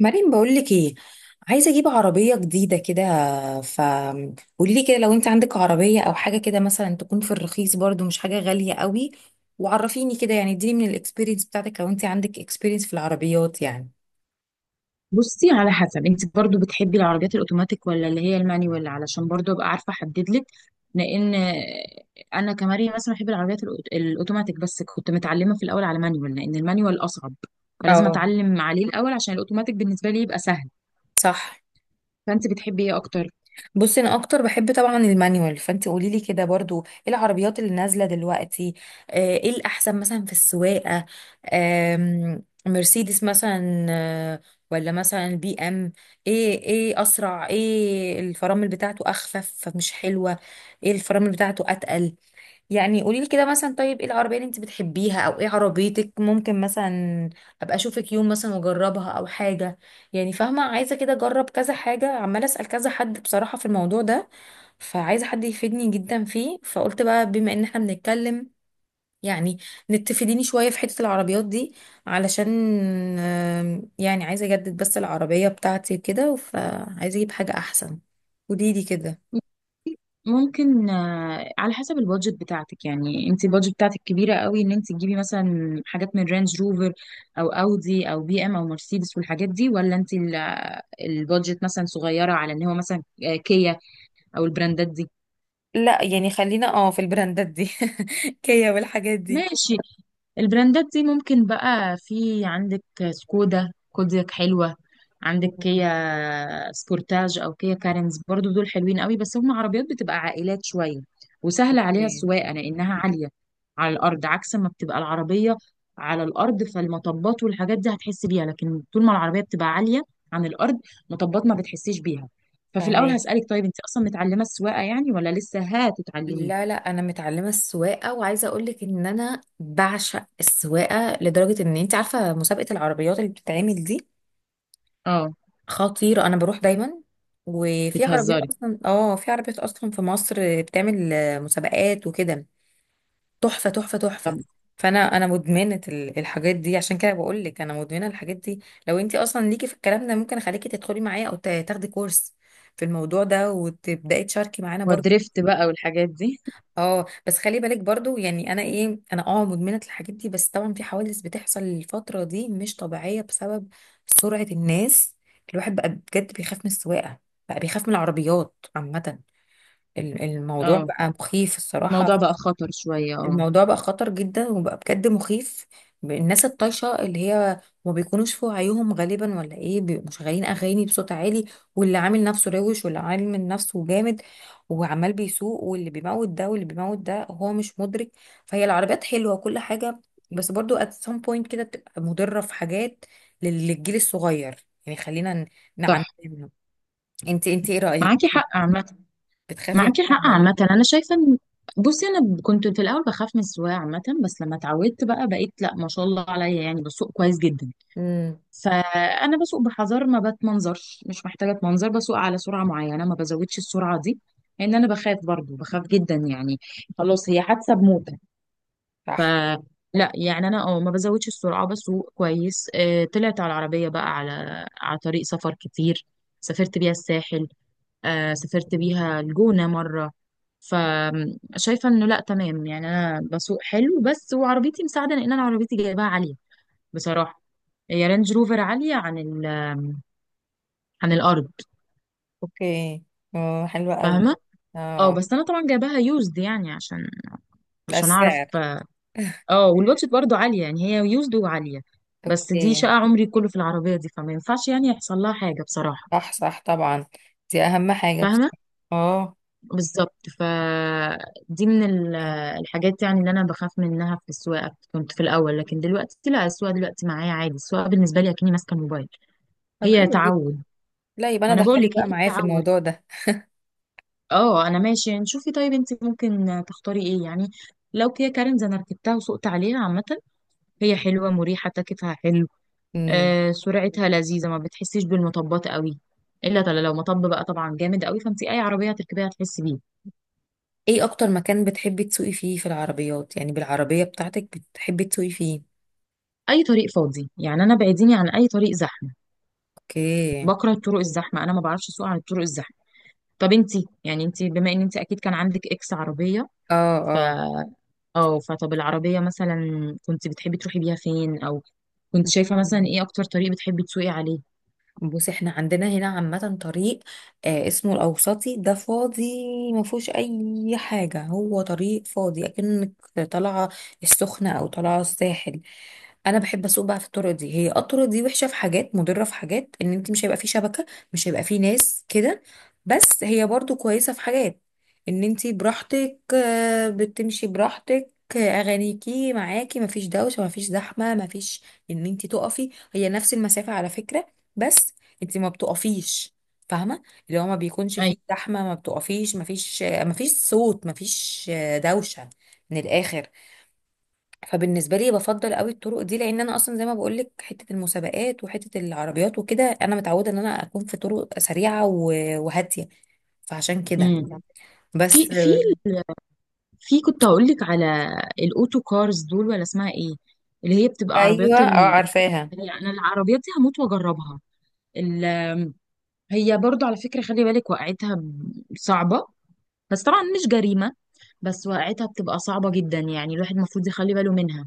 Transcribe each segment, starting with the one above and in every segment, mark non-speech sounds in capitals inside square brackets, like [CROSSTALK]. مريم، بقولك ايه. عايزه اجيب عربيه جديده كده. ف قولي لي كده لو انت عندك عربيه او حاجه كده مثلا تكون في الرخيص برضو، مش حاجه غاليه قوي. وعرفيني كده، يعني اديني من الاكسبيرينس بتاعتك لو انت عندك اكسبيرينس في العربيات يعني. بصي، على حسب انت برضو بتحبي العربيات الاوتوماتيك ولا اللي هي المانيوال، علشان برضو ابقى عارفه احدد لك. لان انا كماري مثلا بحب العربيات الاوتوماتيك، بس كنت متعلمه في الاول على مانيوال لان المانيوال اصعب، فلازم اه، اتعلم عليه الاول عشان الاوتوماتيك بالنسبه لي يبقى سهل. صح. فانت بتحبي ايه اكتر؟ بصي انا اكتر بحب طبعا المانيوال، فانت قولي لي كده برضو ايه العربيات اللي نازله دلوقتي. ايه الاحسن مثلا في السواقه؟ مرسيدس مثلا، ولا مثلا بي ام؟ ايه ايه اسرع؟ ايه الفرامل بتاعته اخفف فمش حلوه؟ ايه الفرامل بتاعته اتقل؟ يعني قولي لي كده مثلا. طيب ايه العربية اللي انت بتحبيها او ايه عربيتك، ممكن مثلا ابقى اشوفك يوم مثلا واجربها او حاجة؟ يعني فاهمة، عايزة كده اجرب كذا حاجة، عمالة اسأل كذا حد بصراحة في الموضوع ده. فعايزة حد يفيدني جدا فيه، فقلت بقى بما ان احنا بنتكلم يعني نتفيديني شوية في حتة العربيات دي، علشان يعني عايزة اجدد بس العربية بتاعتي كده، فعايزة اجيب حاجة احسن. قولي لي كده. ممكن، على حسب البادجت بتاعتك. يعني انت البادجت بتاعتك كبيره قوي ان انت تجيبي مثلا حاجات من رينج روفر او اودي او بي ام او مرسيدس والحاجات دي، ولا انت البادجت مثلا صغيره على ان هو مثلا كيا او البراندات دي. لا يعني خلينا اه في البراندات دي. [LAUGHS] كيا والحاجات دي. ماشي، البراندات دي ممكن بقى في عندك سكودا كودياك حلوة، عندك مم. كيا سبورتاج أو كيا كارنز، برضو دول حلوين قوي بس هم عربيات بتبقى عائلات شوية، وسهلة عليها اوكي. السواقة لأنها عالية على الأرض، عكس ما بتبقى العربية على الأرض فالمطبات والحاجات دي هتحس بيها، لكن طول ما العربية بتبقى عالية عن الأرض، مطبات ما بتحسيش بيها. ففي الأول فهماكي. هسألك، طيب أنت أصلا متعلمة السواقة يعني ولا لسه هتتعلمي؟ لا لا، انا متعلمه السواقه، وعايزه اقول لك ان انا بعشق السواقه لدرجه ان انت عارفه مسابقه العربيات اللي بتتعمل دي، اه، خطيره. انا بروح دايما. وفي عربيات بتهزري. اصلا، اه في عربيات اصلا في مصر بتعمل مسابقات وكده، تحفه تحفه طب تحفه. فانا مدمنه الحاجات دي، عشان كده بقول لك انا مدمنه الحاجات دي. لو انت اصلا ليكي في الكلام ده، ممكن اخليكي تدخلي معايا او تاخدي كورس في الموضوع ده وتبداي تشاركي معانا برضه. ودريفت بقى والحاجات دي. اه بس خلي بالك برضو. يعني انا ايه، انا اه مدمنه الحاجات دي، بس طبعا في حوادث بتحصل الفتره دي مش طبيعيه بسبب سرعه الناس. الواحد بقى بجد بيخاف من السواقه، بقى بيخاف من العربيات عامه. الموضوع اه، بقى مخيف الموضوع الصراحه. بقى خطر شوية، اه. الموضوع بقى خطر جدا، وبقى بجد مخيف. الناس الطايشه اللي هي ما بيكونوش في وعيهم غالبا ولا ايه، بيبقوا مشغلين اغاني بصوت عالي، واللي عامل نفسه روش، واللي عامل نفسه جامد، وعمال بيسوق، واللي بيموت ده واللي بيموت ده هو مش مدرك. فهي العربيات حلوه وكل حاجه، بس برضو at some point كده بتبقى مضره في حاجات للجيل الصغير، يعني خلينا. نعم. صح، انت انت ايه رايك، معاكي حق عامة. بتخافي معاكي منها حق ولا؟ عامة. أنا شايفة إن، بصي أنا كنت في الأول بخاف من السواقة عامة، بس لما اتعودت بقى بقيت لأ، ما شاء الله عليا، يعني بسوق كويس جدا. امم. فأنا بسوق بحذر، ما بتمنظرش، مش محتاجة أتمنظر، بسوق على سرعة معينة ما بزودش السرعة دي، لأن أنا بخاف، برضو بخاف جدا، يعني خلاص هي حادثة بموت. ف، صح. لا يعني انا اه ما بزودش السرعه، بسوق كويس. طلعت على العربيه بقى على طريق سفر كتير، سافرت بيها الساحل، سافرت بيها الجونه مره. فشايفه انه لا تمام، يعني انا بسوق حلو، بس وعربيتي مساعده لان انا عربيتي جايباها عاليه بصراحه. هي رينج روفر عاليه عن ال... عن الارض. اوكي. اه، حلوة قوي. فاهمه. اه اه. بس انا طبعا جايباها يوزد، يعني عشان، ده عشان اعرف. السعر. اه والبادجت برضه عالية، يعني هي يوزد وعالية، بس دي اوكي. شقة عمري كله في العربية دي، فما ينفعش يعني يحصل لها حاجة بصراحة. صح، صح طبعا. دي اهم حاجة فاهمة بصراحة. اه. بالظبط، فدي من الحاجات يعني اللي أنا بخاف منها في السواقة، كنت في الأول، لكن دلوقتي لا، السواقة دلوقتي معايا عادي، السواقة بالنسبة لي أكني ماسكة الموبايل، طب هي حلو جدا. تعود. لا يبقى ما أنا انا بقول دخلك لك هي بقى معايا في تعود. الموضوع ده. اه أنا ماشي، يعني شوفي طيب أنت ممكن تختاري إيه يعني؟ لو كيا كارنز أنا ركبتها وسقت عليها عامة، هي حلوة مريحة، تكتها حلو، امم. سرعتها لذيذة، ما بتحسيش بالمطبات قوي، إلا لو مطب بقى طبعا جامد قوي فانت أي عربية هتركبيها هتحسي بيه. ايه اكتر مكان بتحبي تسوقي فيه في العربيات، يعني بالعربية بتاعتك بتحبي تسوقي فيه؟ أي طريق فاضي، يعني أنا بعيديني عن أي طريق زحمة، اوكي. بكره الطرق الزحمة، أنا ما بعرفش أسوق عن الطرق الزحمة. طب أنت، يعني أنت بما إن أنت أكيد كان عندك إكس عربية، ف، اه. اه فطب العربية مثلا كنت بتحبي تروحي بيها فين، أو كنت اه. شايفة مثلا إيه أكتر طريق بتحبي تسوقي عليه؟ بص احنا عندنا هنا عامة طريق آه اسمه الأوسطي ده، فاضي. ما فيهوش أي حاجة، هو طريق فاضي أكنك طالعة السخنة أو طالعة الساحل. أنا بحب أسوق بقى في الطرق دي. هي آه الطرق دي وحشة في حاجات، مضرة في حاجات، إن أنت مش هيبقى فيه شبكة، مش هيبقى فيه ناس كده. بس هي برضو كويسة في حاجات، إن أنت براحتك آه بتمشي براحتك، اغانيكي معاكي، مفيش دوشه، مفيش زحمه، مفيش ان انت تقفي. هي نفس المسافه على فكره، بس انت ما بتقفيش، فاهمه؟ اللي هو ما بيكونش أي، فيه زحمه، ما بتقفيش، ما فيش، ما فيش صوت، ما فيش دوشه، من الاخر. فبالنسبه لي بفضل قوي الطرق دي، لان انا اصلا زي ما بقول لك حته المسابقات وحته العربيات وكده، انا متعوده ان انا اكون في طرق سريعه وهاديه. فعشان كده. امم، في بس. في في كنت هقول لك على الاوتو كارز دول ولا اسمها ايه، اللي هي بتبقى ايوه عربيات ال... اه، عارفاها. يعني انا العربيات دي هموت واجربها. ال... هي برضو على فكرة خلي بالك وقعتها صعبة، بس طبعا مش جريمة، بس وقعتها بتبقى صعبة جدا، يعني الواحد المفروض يخلي باله منها.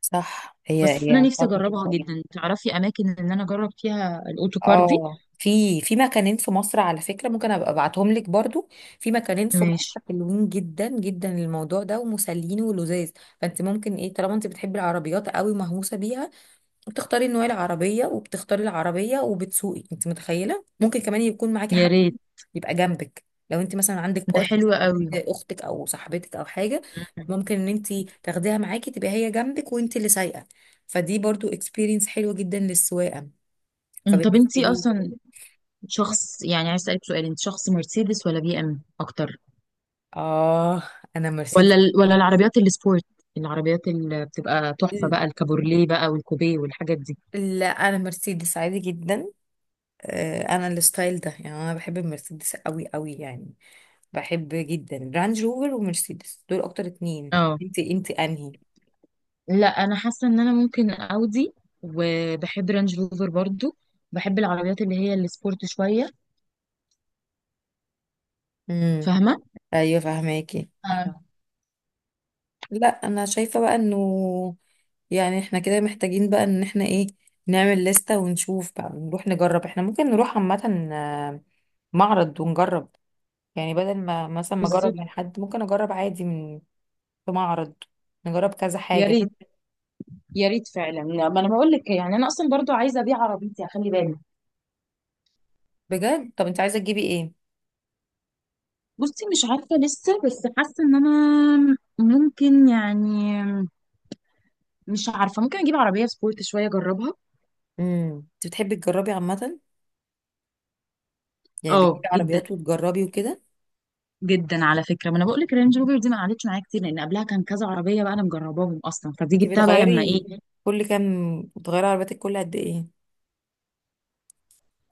صح. هي بس انا هي نفسي خطر. اجربها جدا، تعرفي اماكن ان انا اجرب فيها الاوتو كار دي؟ اه في في مكانين في مصر على فكرة، ممكن ابقى ابعتهم لك برضو. في مكانين في مصر ماشي. حلوين جدا جدا للموضوع ده، ومسلين ولذاذ. فانت ممكن ايه، طالما انت بتحبي العربيات قوي ومهووسة بيها، بتختاري النوع العربية وبتختاري العربية وبتسوقي، انت متخيلة ممكن كمان يكون معاكي يا حد ريت، يبقى جنبك، لو انت مثلا عندك ده بارتنر حلو او قوي. اختك او صاحبتك او حاجة، ممكن ان انت تاخديها معاكي، تبقى هي جنبك وانت اللي سايقة. فدي برضو اكسبيرينس حلوة جدا للسواقة، أمم. طب فبالنسبة انتي لي. اصلا شخص، يعني عايز اسالك سؤال، انت شخص مرسيدس ولا بي ام اكتر، اه. انا مرسيدس. ولا ال... ولا العربيات السبورت، العربيات اللي بتبقى تحفة بقى الكابورليه بقى والكوبيه والحاجات دي؟ لا، انا مرسيدس عادي جدا. انا الستايل ده يعني، انا بحب المرسيدس قوي قوي يعني. بحب جدا رانج روفر ومرسيدس، دول اكتر اتنين. اه، انت انت انهي؟ لا انا حاسة ان انا ممكن اودي، وبحب رانج روفر برضو، بحب العربيات اللي هي السبورت شوية. امم. فاهمة. ايوه فهماكي. آه. لا انا شايفه بقى انه يعني احنا كده محتاجين بقى ان احنا ايه، نعمل لستة ونشوف بقى، نروح نجرب. احنا ممكن نروح عامه معرض ونجرب، يعني بدل ما مثلا ما اجرب من بالظبط. حد، ممكن اجرب عادي من في معرض، نجرب كذا يا حاجة. ريت، يا ريت فعلا. لا، ما انا بقول لك، يعني انا اصلا برضو عايزه ابيع عربيتي، خلي بالك. بجد؟ طب انت عايزة تجيبي ايه؟ بصي مش عارفه لسه، بس حاسه ان انا ممكن يعني، مش عارفه، ممكن اجيب عربيه سبورت شويه اجربها. امم. انت بتحبي تجربي عامة، يعني اه بتجيبي جدا، عربيات وتجربي وكده. جدا، على فكره ما انا بقول لك رينج روفر دي ما قعدتش معايا كتير، لان قبلها كان كذا عربيه بقى انا مجرباهم اصلا، فدي انت جبتها بقى لما بتغيري ايه. كل كام بتغيري عربيتك، كل قد ايه؟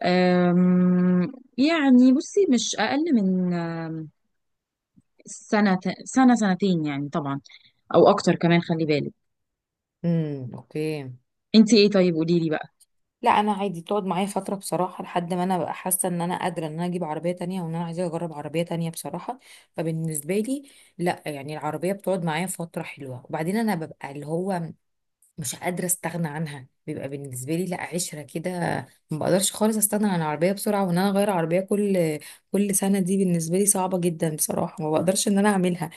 أم، يعني بصي مش اقل من سنه، سنه سنتين، يعني طبعا، او اكتر كمان خلي بالك. امم. اوكي. انت ايه طيب قولي لي بقى. لا انا عادي، بتقعد معايا فترة بصراحة، لحد ما انا بقى حاسة ان انا قادرة ان انا اجيب عربية تانية، وان انا عايزة اجرب عربية تانية بصراحة. فبالنسبة لي لا، يعني العربية بتقعد معايا فترة حلوة، وبعدين انا ببقى اللي هو مش قادرة استغنى عنها، بيبقى بالنسبة لي لا عشرة كده، ما بقدرش خالص استغنى عن العربية بسرعة. وان انا اغير عربية كل سنة، دي بالنسبة لي صعبة جدا بصراحة، ما بقدرش ان انا اعملها.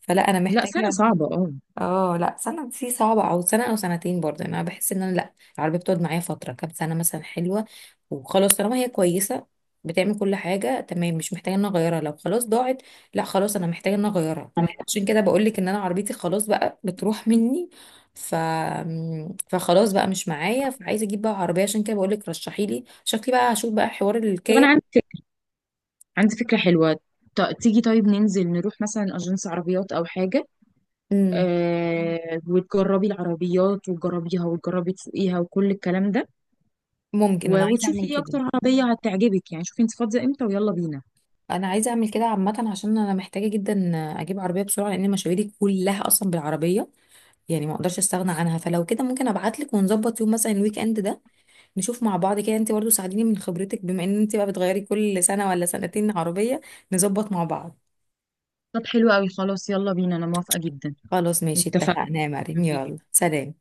فلا انا لا سنه محتاجة. صعبه، اه. اه لا، سنة دي صعبة، او سنة او سنتين برضه. يعني انا بحس ان انا لا، العربية بتقعد معايا فترة كام سنة مثلا حلوة، وخلاص طالما هي كويسة، بتعمل كل حاجة تمام، مش محتاجة ان انا اغيرها. لو خلاص ضاعت، لا خلاص انا محتاجة ان انا اغيرها. عشان كده بقولك ان انا عربيتي خلاص بقى بتروح مني، ف فخلاص بقى مش معايا، فعايزة اجيب بقى عربية. عشان كده بقولك رشحيلي، شكلي بقى هشوف بقى حوار طب انا الكيا. عندي فكره، عندي فكره حلوه، تيجي طيب ننزل نروح مثلا اجنس عربيات او حاجه، امم. وتجربي العربيات وتجربيها وتجربي تسوقيها وكل الكلام ده، ممكن، انا عايزة وتشوفي اعمل ايه كده. اكتر عربية هتعجبك، يعني شوفي انت فاضية امتى ويلا بينا. انا عايزه اعمل كده عامه، عشان انا محتاجه جدا اجيب عربيه بسرعه لان مشاويري كلها اصلا بالعربيه، يعني ما اقدرش استغنى عنها. فلو كده ممكن ابعت لك ونظبط يوم مثلا الويك اند ده، نشوف مع بعض كده. انت برضو ساعديني من خبرتك، بما ان انت بقى بتغيري كل سنه ولا سنتين عربيه، نظبط مع بعض. طب حلو قوي، خلاص يلا بينا، انا موافقة جدا. خلاص ماشي، اتفقنا. اتفقنا يا مريم، يلا سلام.